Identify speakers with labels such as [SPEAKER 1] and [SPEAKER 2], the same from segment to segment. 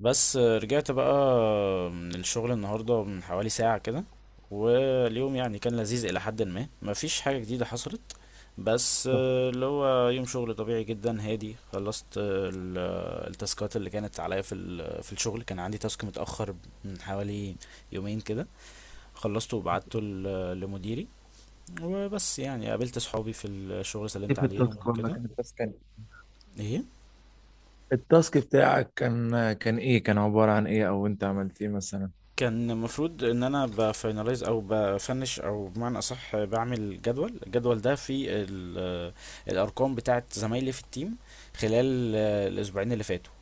[SPEAKER 1] بس رجعت بقى من الشغل النهاردة من حوالي ساعة كده. واليوم يعني كان لذيذ إلى حد ما، مفيش حاجة جديدة حصلت بس آه، اللي هو يوم شغل طبيعي جدا. هادي خلصت التاسكات اللي كانت عليا في الشغل. كان عندي تاسك متأخر من حوالي يومين كده، خلصته وبعته لمديري. وبس يعني قابلت صحابي في الشغل، سلمت عليهم وكده.
[SPEAKER 2] بس كان
[SPEAKER 1] ايه؟
[SPEAKER 2] التاسك بتاعك كان كان ايه كان عبارة عن ايه، او انت عملت ايه مثلا؟
[SPEAKER 1] كان المفروض ان انا بفاينلايز او بفنش او بمعنى اصح بعمل جدول. الجدول ده فيه الارقام بتاعه زمايلي في التيم خلال الاسبوعين اللي فاتوا،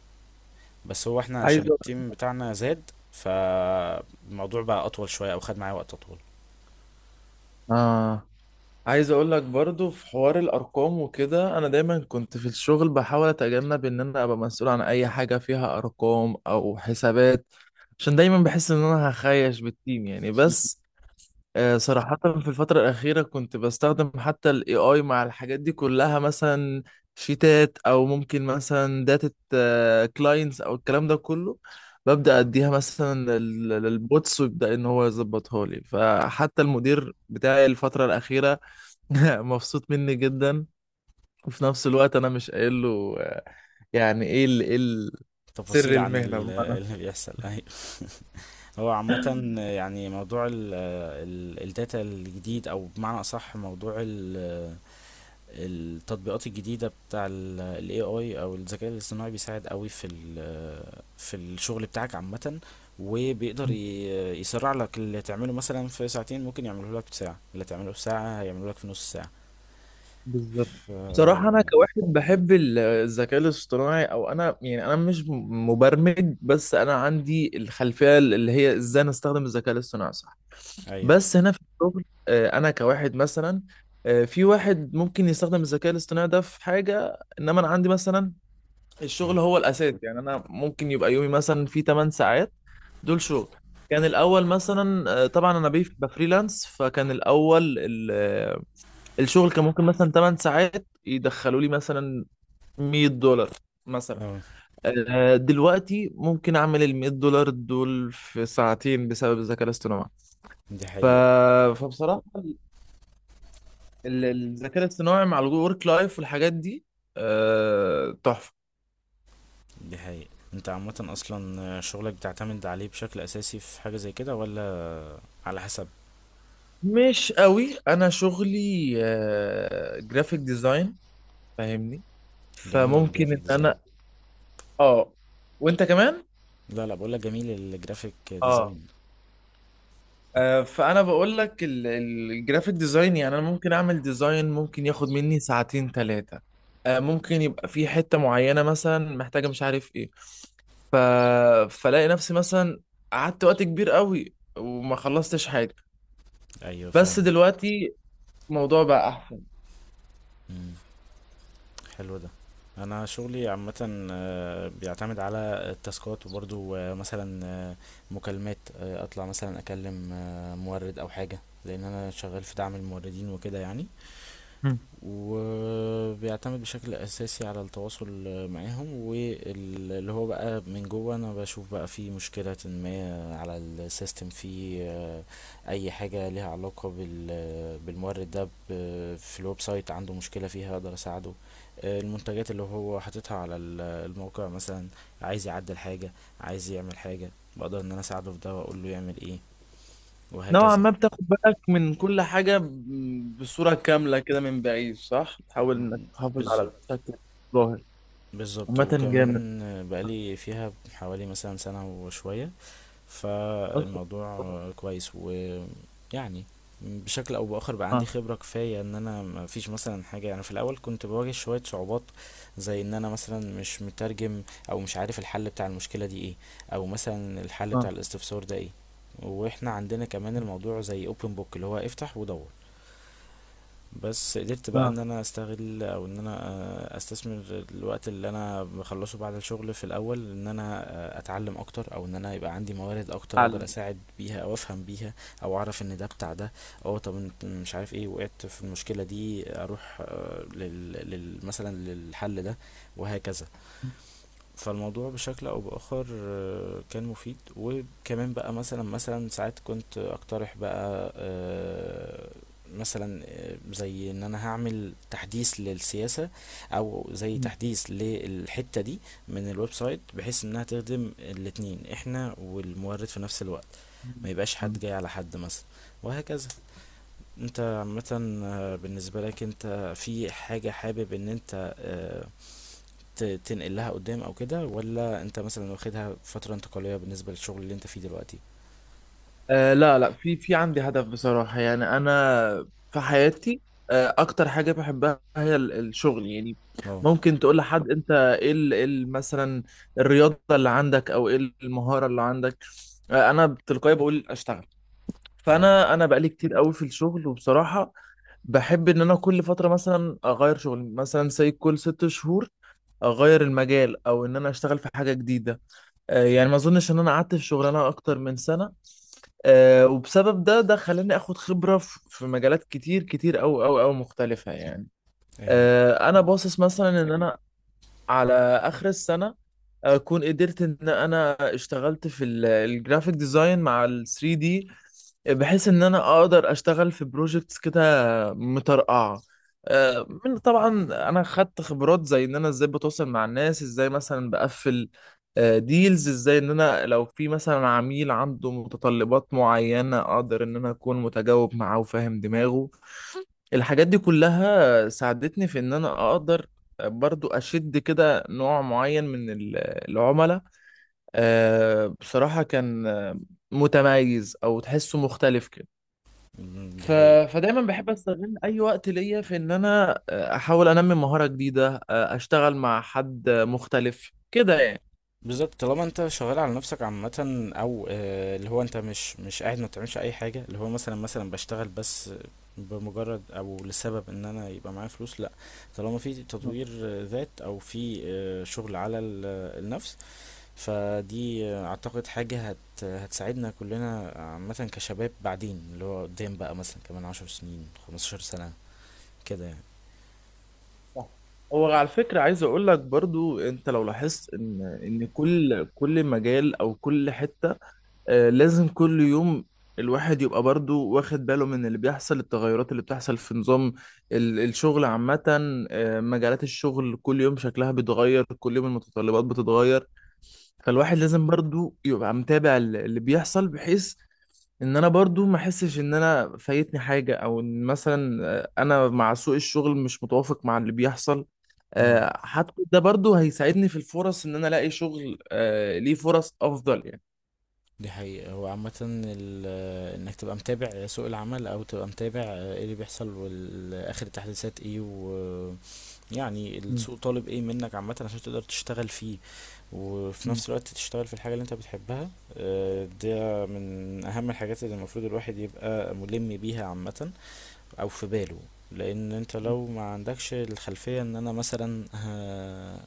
[SPEAKER 1] بس هو احنا
[SPEAKER 2] عايز
[SPEAKER 1] عشان التيم بتاعنا زاد فالموضوع بقى اطول شويه او خد معايا وقت اطول.
[SPEAKER 2] اه عايز اقول لك برضو في حوار الارقام وكده، انا دايما كنت في الشغل بحاول اتجنب ان انا ابقى مسؤول عن اي حاجة فيها ارقام او حسابات، عشان دايما بحس ان انا هخيش بالتيم يعني. بس صراحة في الفترة الأخيرة كنت بستخدم حتى ال AI مع الحاجات دي كلها، مثلا شيتات، أو ممكن مثلا داتا كلاينتس، أو الكلام ده كله ببدأ أديها مثلا للبوتس ويبدأ إن هو يظبطها لي. فحتى المدير بتاعي الفترة الأخيرة مبسوط مني جدا، وفي نفس الوقت أنا مش قايل له. يعني إيه ال سر
[SPEAKER 1] تفاصيل عن
[SPEAKER 2] المهنة.
[SPEAKER 1] اللي بيحصل، أيوة. هو عامة يعني موضوع الداتا الجديد او بمعنى اصح موضوع التطبيقات الجديدة بتاع ال ال AI أو الذكاء الاصطناعي بيساعد قوي في ال في الشغل بتاعك عامة، وبيقدر يسرع لك اللي تعمله مثلا في ساعتين ممكن يعمله لك في ساعة، اللي تعمله في ساعة هيعمله لك في نص ساعة. ف...
[SPEAKER 2] بصراحة أنا كواحد بحب الذكاء الاصطناعي، أو أنا يعني أنا مش مبرمج، بس أنا عندي الخلفية اللي هي إزاي نستخدم الذكاء الاصطناعي صح.
[SPEAKER 1] أيوه.
[SPEAKER 2] بس هنا في الشغل أنا كواحد مثلا، في واحد ممكن يستخدم الذكاء الاصطناعي ده في حاجة، إنما أنا عندي مثلا
[SPEAKER 1] اه.
[SPEAKER 2] الشغل هو الأساس. يعني أنا ممكن يبقى يومي مثلا فيه 8 ساعات دول شغل. كان الأول مثلا، طبعا أنا بفريلانس، فكان الأول الشغل كان ممكن مثلا 8 ساعات يدخلوا لي مثلا $100 مثلا.
[SPEAKER 1] آه.
[SPEAKER 2] دلوقتي ممكن اعمل ال $100 دول في ساعتين بسبب الذكاء الاصطناعي.
[SPEAKER 1] دي
[SPEAKER 2] ف...
[SPEAKER 1] حقيقة.
[SPEAKER 2] فبصراحه الذكاء الاصطناعي مع الورك لايف والحاجات دي تحفه.
[SPEAKER 1] دي حقيقة. انت عامة أصلا شغلك بتعتمد عليه بشكل أساسي في حاجة زي كده ولا على حسب؟
[SPEAKER 2] مش قوي، انا شغلي جرافيك ديزاين، فاهمني؟
[SPEAKER 1] جميل
[SPEAKER 2] فممكن
[SPEAKER 1] الجرافيك
[SPEAKER 2] ان
[SPEAKER 1] ديزاين.
[SPEAKER 2] انا اه وانت كمان
[SPEAKER 1] لا، بقولك جميل الجرافيك
[SPEAKER 2] اه
[SPEAKER 1] ديزاين.
[SPEAKER 2] فانا بقول لك الجرافيك ديزاين، يعني انا ممكن اعمل ديزاين ممكن ياخد مني ساعتين 3، ممكن يبقى في حته معينه مثلا محتاجه، مش عارف ايه. ف... فلاقي نفسي مثلا قعدت وقت كبير قوي وما خلصتش حاجه.
[SPEAKER 1] أيوه
[SPEAKER 2] بس
[SPEAKER 1] فاهمة.
[SPEAKER 2] دلوقتي الموضوع بقى احسن.
[SPEAKER 1] حلو ده. انا شغلي عامه آه، بيعتمد على التاسكات، وبرضو آه، مثلا آه، مكالمات، آه، اطلع مثلا اكلم آه، مورد او حاجه، لان انا شغال في دعم الموردين وكده يعني.
[SPEAKER 2] مم.
[SPEAKER 1] وبيعتمد بشكل اساسي على التواصل معاهم، واللي هو بقى من جوه انا بشوف بقى في مشكلة ما على السيستم في آه، اي حاجة ليها علاقة بالمورد ده. في الويب سايت عنده مشكلة فيها اقدر اساعده، آه، المنتجات اللي هو حاططها على الموقع مثلا، عايز يعدل حاجة، عايز يعمل حاجة، بقدر ان انا اساعده في ده واقول له يعمل ايه،
[SPEAKER 2] نوعا
[SPEAKER 1] وهكذا.
[SPEAKER 2] ما بتاخد بالك من كل حاجه بصوره كامله كده من بعيد، صح؟ تحاول انك تحافظ على
[SPEAKER 1] بالظبط.
[SPEAKER 2] الشكل الظاهر.
[SPEAKER 1] بالضبط،
[SPEAKER 2] عامه جامد
[SPEAKER 1] وكمان بقى لي فيها حوالي مثلًا سنة وشوية،
[SPEAKER 2] أصلاً.
[SPEAKER 1] فالموضوع كويس ويعني بشكل أو بآخر بقى عندي
[SPEAKER 2] اه،
[SPEAKER 1] خبرة كفاية. إن أنا ما فيش مثلًا حاجة، أنا في الأول كنت باواجه شوية صعوبات، زي إن أنا مثلًا مش مترجم أو مش عارف الحل بتاع المشكلة دي إيه، أو مثلًا الحل
[SPEAKER 2] اه،
[SPEAKER 1] بتاع الاستفسار ده إيه، وإحنا عندنا كمان الموضوع زي open book اللي هو افتح ودوّر. بس قدرت بقى
[SPEAKER 2] اه.
[SPEAKER 1] ان انا استغل او ان انا آه، استثمر الوقت اللي انا بخلصه بعد الشغل في الاول، ان انا آه، اتعلم اكتر او ان انا يبقى عندي موارد اكتر اقدر اساعد بيها او افهم بيها، او اعرف ان ده بتاع ده، او طب انت مش عارف ايه وقعت في المشكلة دي، اروح آه، مثلا للحل ده، وهكذا. فالموضوع بشكل او باخر آه، كان مفيد. وكمان بقى مثلا ساعات كنت اقترح بقى آه، مثلا آه، زي ان انا هعمل تحديث للسياسة، او زي تحديث للحتة دي من الويب سايت، بحيث انها تخدم الاتنين احنا والمورد في نفس الوقت، ما يبقاش حد جاي على حد مثلا، وهكذا. انت عامة آه، بالنسبة لك انت في حاجة حابب ان انت آه، تنقل لها قدام او كده، ولا انت مثلا واخدها فترة انتقالية بالنسبة للشغل اللي انت فيه دلوقتي؟
[SPEAKER 2] لا لا، في عندي هدف بصراحة. يعني أنا في حياتي أكتر حاجة بحبها هي الشغل يعني.
[SPEAKER 1] اه.
[SPEAKER 2] ممكن تقول لحد أنت إيه ال- مثلا الرياضة اللي عندك، أو إيه المهارة اللي عندك، أنا بتلقائي بقول أشتغل.
[SPEAKER 1] ايوه.
[SPEAKER 2] فأنا بقالي كتير قوي في الشغل، وبصراحة بحب إن أنا كل فترة مثلا أغير شغل، مثلا زي كل 6 شهور أغير المجال، أو إن أنا أشتغل في حاجة جديدة. يعني ما أظنش إن أنا قعدت في شغلانة أكتر من سنة. وبسبب ده خلاني اخد خبرة في مجالات كتير كتير او مختلفة يعني.
[SPEAKER 1] ايوه.
[SPEAKER 2] انا باصص مثلا ان انا على اخر السنه اكون قدرت ان انا اشتغلت في الجرافيك ديزاين مع ال 3D دي، بحيث ان انا اقدر اشتغل في بروجكتس كده مترقعه. آه، من طبعا انا خدت خبرات، زي ان انا ازاي بتواصل مع الناس، ازاي مثلا بقفل ديلز، ازاي ان انا لو في مثلا عميل عنده متطلبات معينه اقدر ان انا اكون متجاوب معاه وفاهم دماغه. الحاجات دي كلها ساعدتني في ان انا اقدر برضو اشد كده نوع معين من العملاء. بصراحة كان متميز، او تحسه مختلف كده.
[SPEAKER 1] أمم، دي
[SPEAKER 2] ف...
[SPEAKER 1] حقيقة.
[SPEAKER 2] فدايما بحب استغل اي وقت ليا في ان انا احاول انمي مهارة جديدة، اشتغل مع حد مختلف كده يعني.
[SPEAKER 1] بالظبط، طالما انت شغال على نفسك عامة، او آه، اللي هو انت مش قاعد ما بتعملش اي حاجة، اللي هو مثلا بشتغل بس بمجرد او لسبب ان انا يبقى معايا فلوس، لا. طالما في تطوير آه، ذات او في آه، شغل على النفس، فدي اعتقد حاجة هتساعدنا كلنا عامة كشباب بعدين، اللي هو قدام بقى مثلا كمان عشر سنين خمستاشر سنة كده يعني.
[SPEAKER 2] صح. هو على فكرة عايز اقول لك برضو، انت لو لاحظت ان كل مجال او كل حتة، لازم كل يوم الواحد يبقى برضو واخد باله من اللي بيحصل. التغيرات اللي بتحصل في نظام الشغل عامة، مجالات الشغل كل يوم شكلها بيتغير، كل يوم المتطلبات بتتغير، فالواحد لازم برضو يبقى متابع اللي بيحصل، بحيث ان انا برضو ما احسش ان انا فايتني حاجة، او ان مثلا انا مع سوق الشغل مش متوافق مع اللي بيحصل.
[SPEAKER 1] اهو.
[SPEAKER 2] حتى ده برضو هيساعدني في الفرص، ان انا الاقي شغل ليه فرص افضل يعني.
[SPEAKER 1] دي حقيقة. هو عامة انك تبقى متابع سوق العمل، او تبقى متابع ايه اللي بيحصل واخر التحديثات ايه، ويعني
[SPEAKER 2] مم.
[SPEAKER 1] السوق طالب ايه منك عامة عشان تقدر تشتغل فيه، وفي نفس الوقت تشتغل في الحاجة اللي انت بتحبها. آه، ده من اهم الحاجات اللي المفروض الواحد يبقى ملم بيها عامة او في باله. لان انت لو ما عندكش الخلفية ان انا مثلا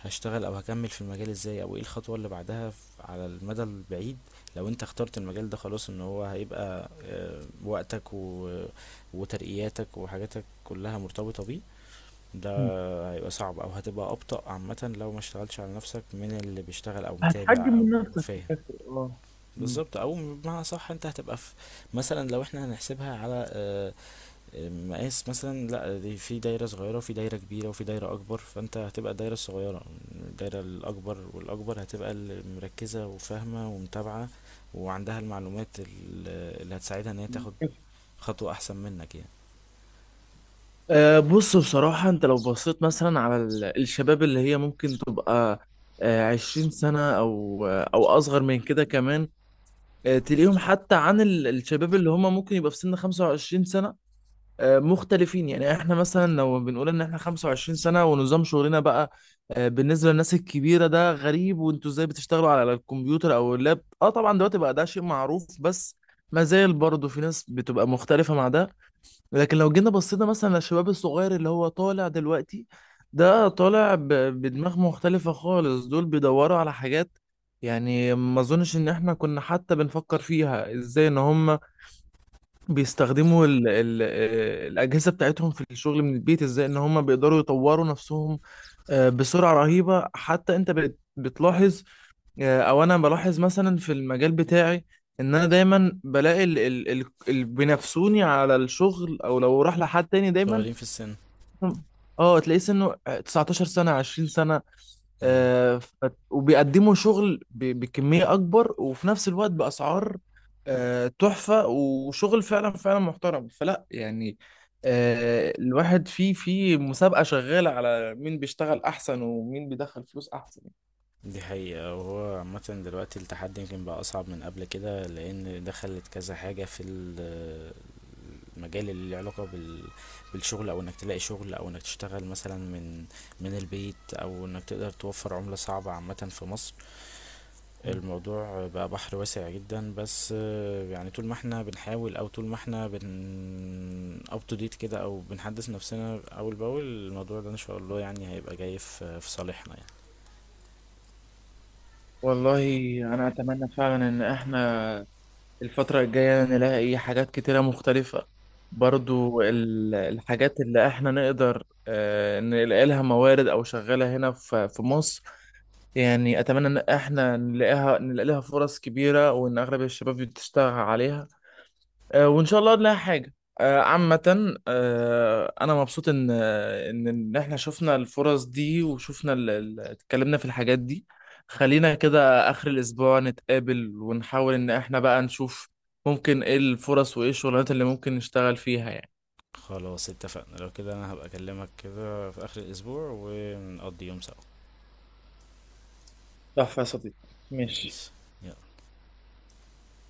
[SPEAKER 1] هشتغل او هكمل في المجال ازاي، او ايه الخطوة اللي بعدها، على المدى البعيد لو انت اخترت المجال ده، خلاص ان هو هيبقى آه، وقتك و... وترقياتك وحاجاتك كلها مرتبطة بيه.
[SPEAKER 2] مم.
[SPEAKER 1] ده هيبقى صعب او هتبقى ابطأ عامة لو ما اشتغلتش على نفسك من اللي بيشتغل او متابع
[SPEAKER 2] هتحجم
[SPEAKER 1] او
[SPEAKER 2] من نفسك في
[SPEAKER 1] فاهم.
[SPEAKER 2] الاخر، اه. مم.
[SPEAKER 1] بالظبط، او بمعنى صح، انت هتبقى في مثلا، لو احنا هنحسبها على آه، مقاس مثلا، لا دي في دايرة صغيرة وفي دايرة كبيرة وفي دايرة أكبر، فأنت هتبقى الدايرة الصغيرة، الدايرة الأكبر والأكبر هتبقى اللي مركزة وفاهمة ومتابعة وعندها المعلومات اللي هتساعدها إن هي
[SPEAKER 2] مم.
[SPEAKER 1] تاخد خطوة أحسن منك يعني.
[SPEAKER 2] بص بصراحة، أنت لو بصيت مثلا على الشباب اللي هي ممكن تبقى 20 سنة، أو أصغر من كده كمان، تلاقيهم حتى عن الشباب اللي هم ممكن يبقى في سن 25 سنة مختلفين يعني. احنا مثلا لو بنقول ان احنا 25 سنة ونظام شغلنا بقى، بالنسبة للناس الكبيرة ده غريب. وانتوا ازاي بتشتغلوا على الكمبيوتر او اللاب؟ اه طبعا دلوقتي بقى ده شيء معروف، بس ما زال برضه في ناس بتبقى مختلفة مع ده. لكن لو جينا بصينا مثلا للشباب الصغير اللي هو طالع دلوقتي، ده طالع بدماغ مختلفة خالص. دول بيدوروا على حاجات يعني ما اظنش ان احنا كنا حتى بنفكر فيها. ازاي ان هم بيستخدموا ال ال الأجهزة بتاعتهم في الشغل من البيت، ازاي ان هم بيقدروا يطوروا نفسهم بسرعة رهيبة، حتى انت بتلاحظ. او انا بلاحظ مثلا في المجال بتاعي ان انا دايما بلاقي ال ال ال اللي بينافسوني على الشغل، او لو راح لحد تاني دايما
[SPEAKER 1] صغيرين في السن.
[SPEAKER 2] اه تلاقيه سنه 19 سنة 20 سنة.
[SPEAKER 1] هي.
[SPEAKER 2] وبيقدموا شغل بكمية أكبر، وفي نفس الوقت بأسعار تحفة، وشغل فعلا فعلا محترم، فلا يعني. الواحد في مسابقة شغالة على مين بيشتغل أحسن ومين بيدخل فلوس أحسن.
[SPEAKER 1] دي حقيقة، وهو عامة دلوقتي التحدي يمكن بقى أصعب من قبل كده، لأن دخلت كذا حاجة في ال مجال اللي له علاقة بال... بالشغل، او انك تلاقي شغل، او انك تشتغل مثلا من من البيت، او انك تقدر توفر عملة صعبة عامة في مصر. الموضوع بقى بحر واسع جدا، بس آه، يعني طول ما احنا بنحاول او طول ما احنا بن اب تو ديت كده او بنحدث نفسنا اول باول، الموضوع ده ان شاء الله يعني هيبقى جاي في في صالحنا يعني.
[SPEAKER 2] والله أنا أتمنى فعلا إن إحنا الفترة الجاية نلاقي حاجات كتيرة مختلفة، برضو الحاجات اللي احنا نقدر نلاقي لها موارد، او شغالة هنا في مصر يعني. اتمنى ان احنا نلاقي لها فرص كبيرة، وان اغلب الشباب بتشتغل عليها. وان شاء الله نلاقي حاجه. عامه انا مبسوط ان آه، ان إن احنا شفنا الفرص دي وشفنا اتكلمنا في الحاجات دي. خلينا كده اخر الاسبوع نتقابل ونحاول ان احنا بقى نشوف ممكن ايه الفرص، وايه الشغلانات اللي ممكن نشتغل فيها يعني.
[SPEAKER 1] خلاص اتفقنا، لو كده انا هبقى اكلمك كده في اخر الاسبوع ونقضي يوم سوا.
[SPEAKER 2] تحفة يا صديقي. ماشي.
[SPEAKER 1] ماشي. يلا.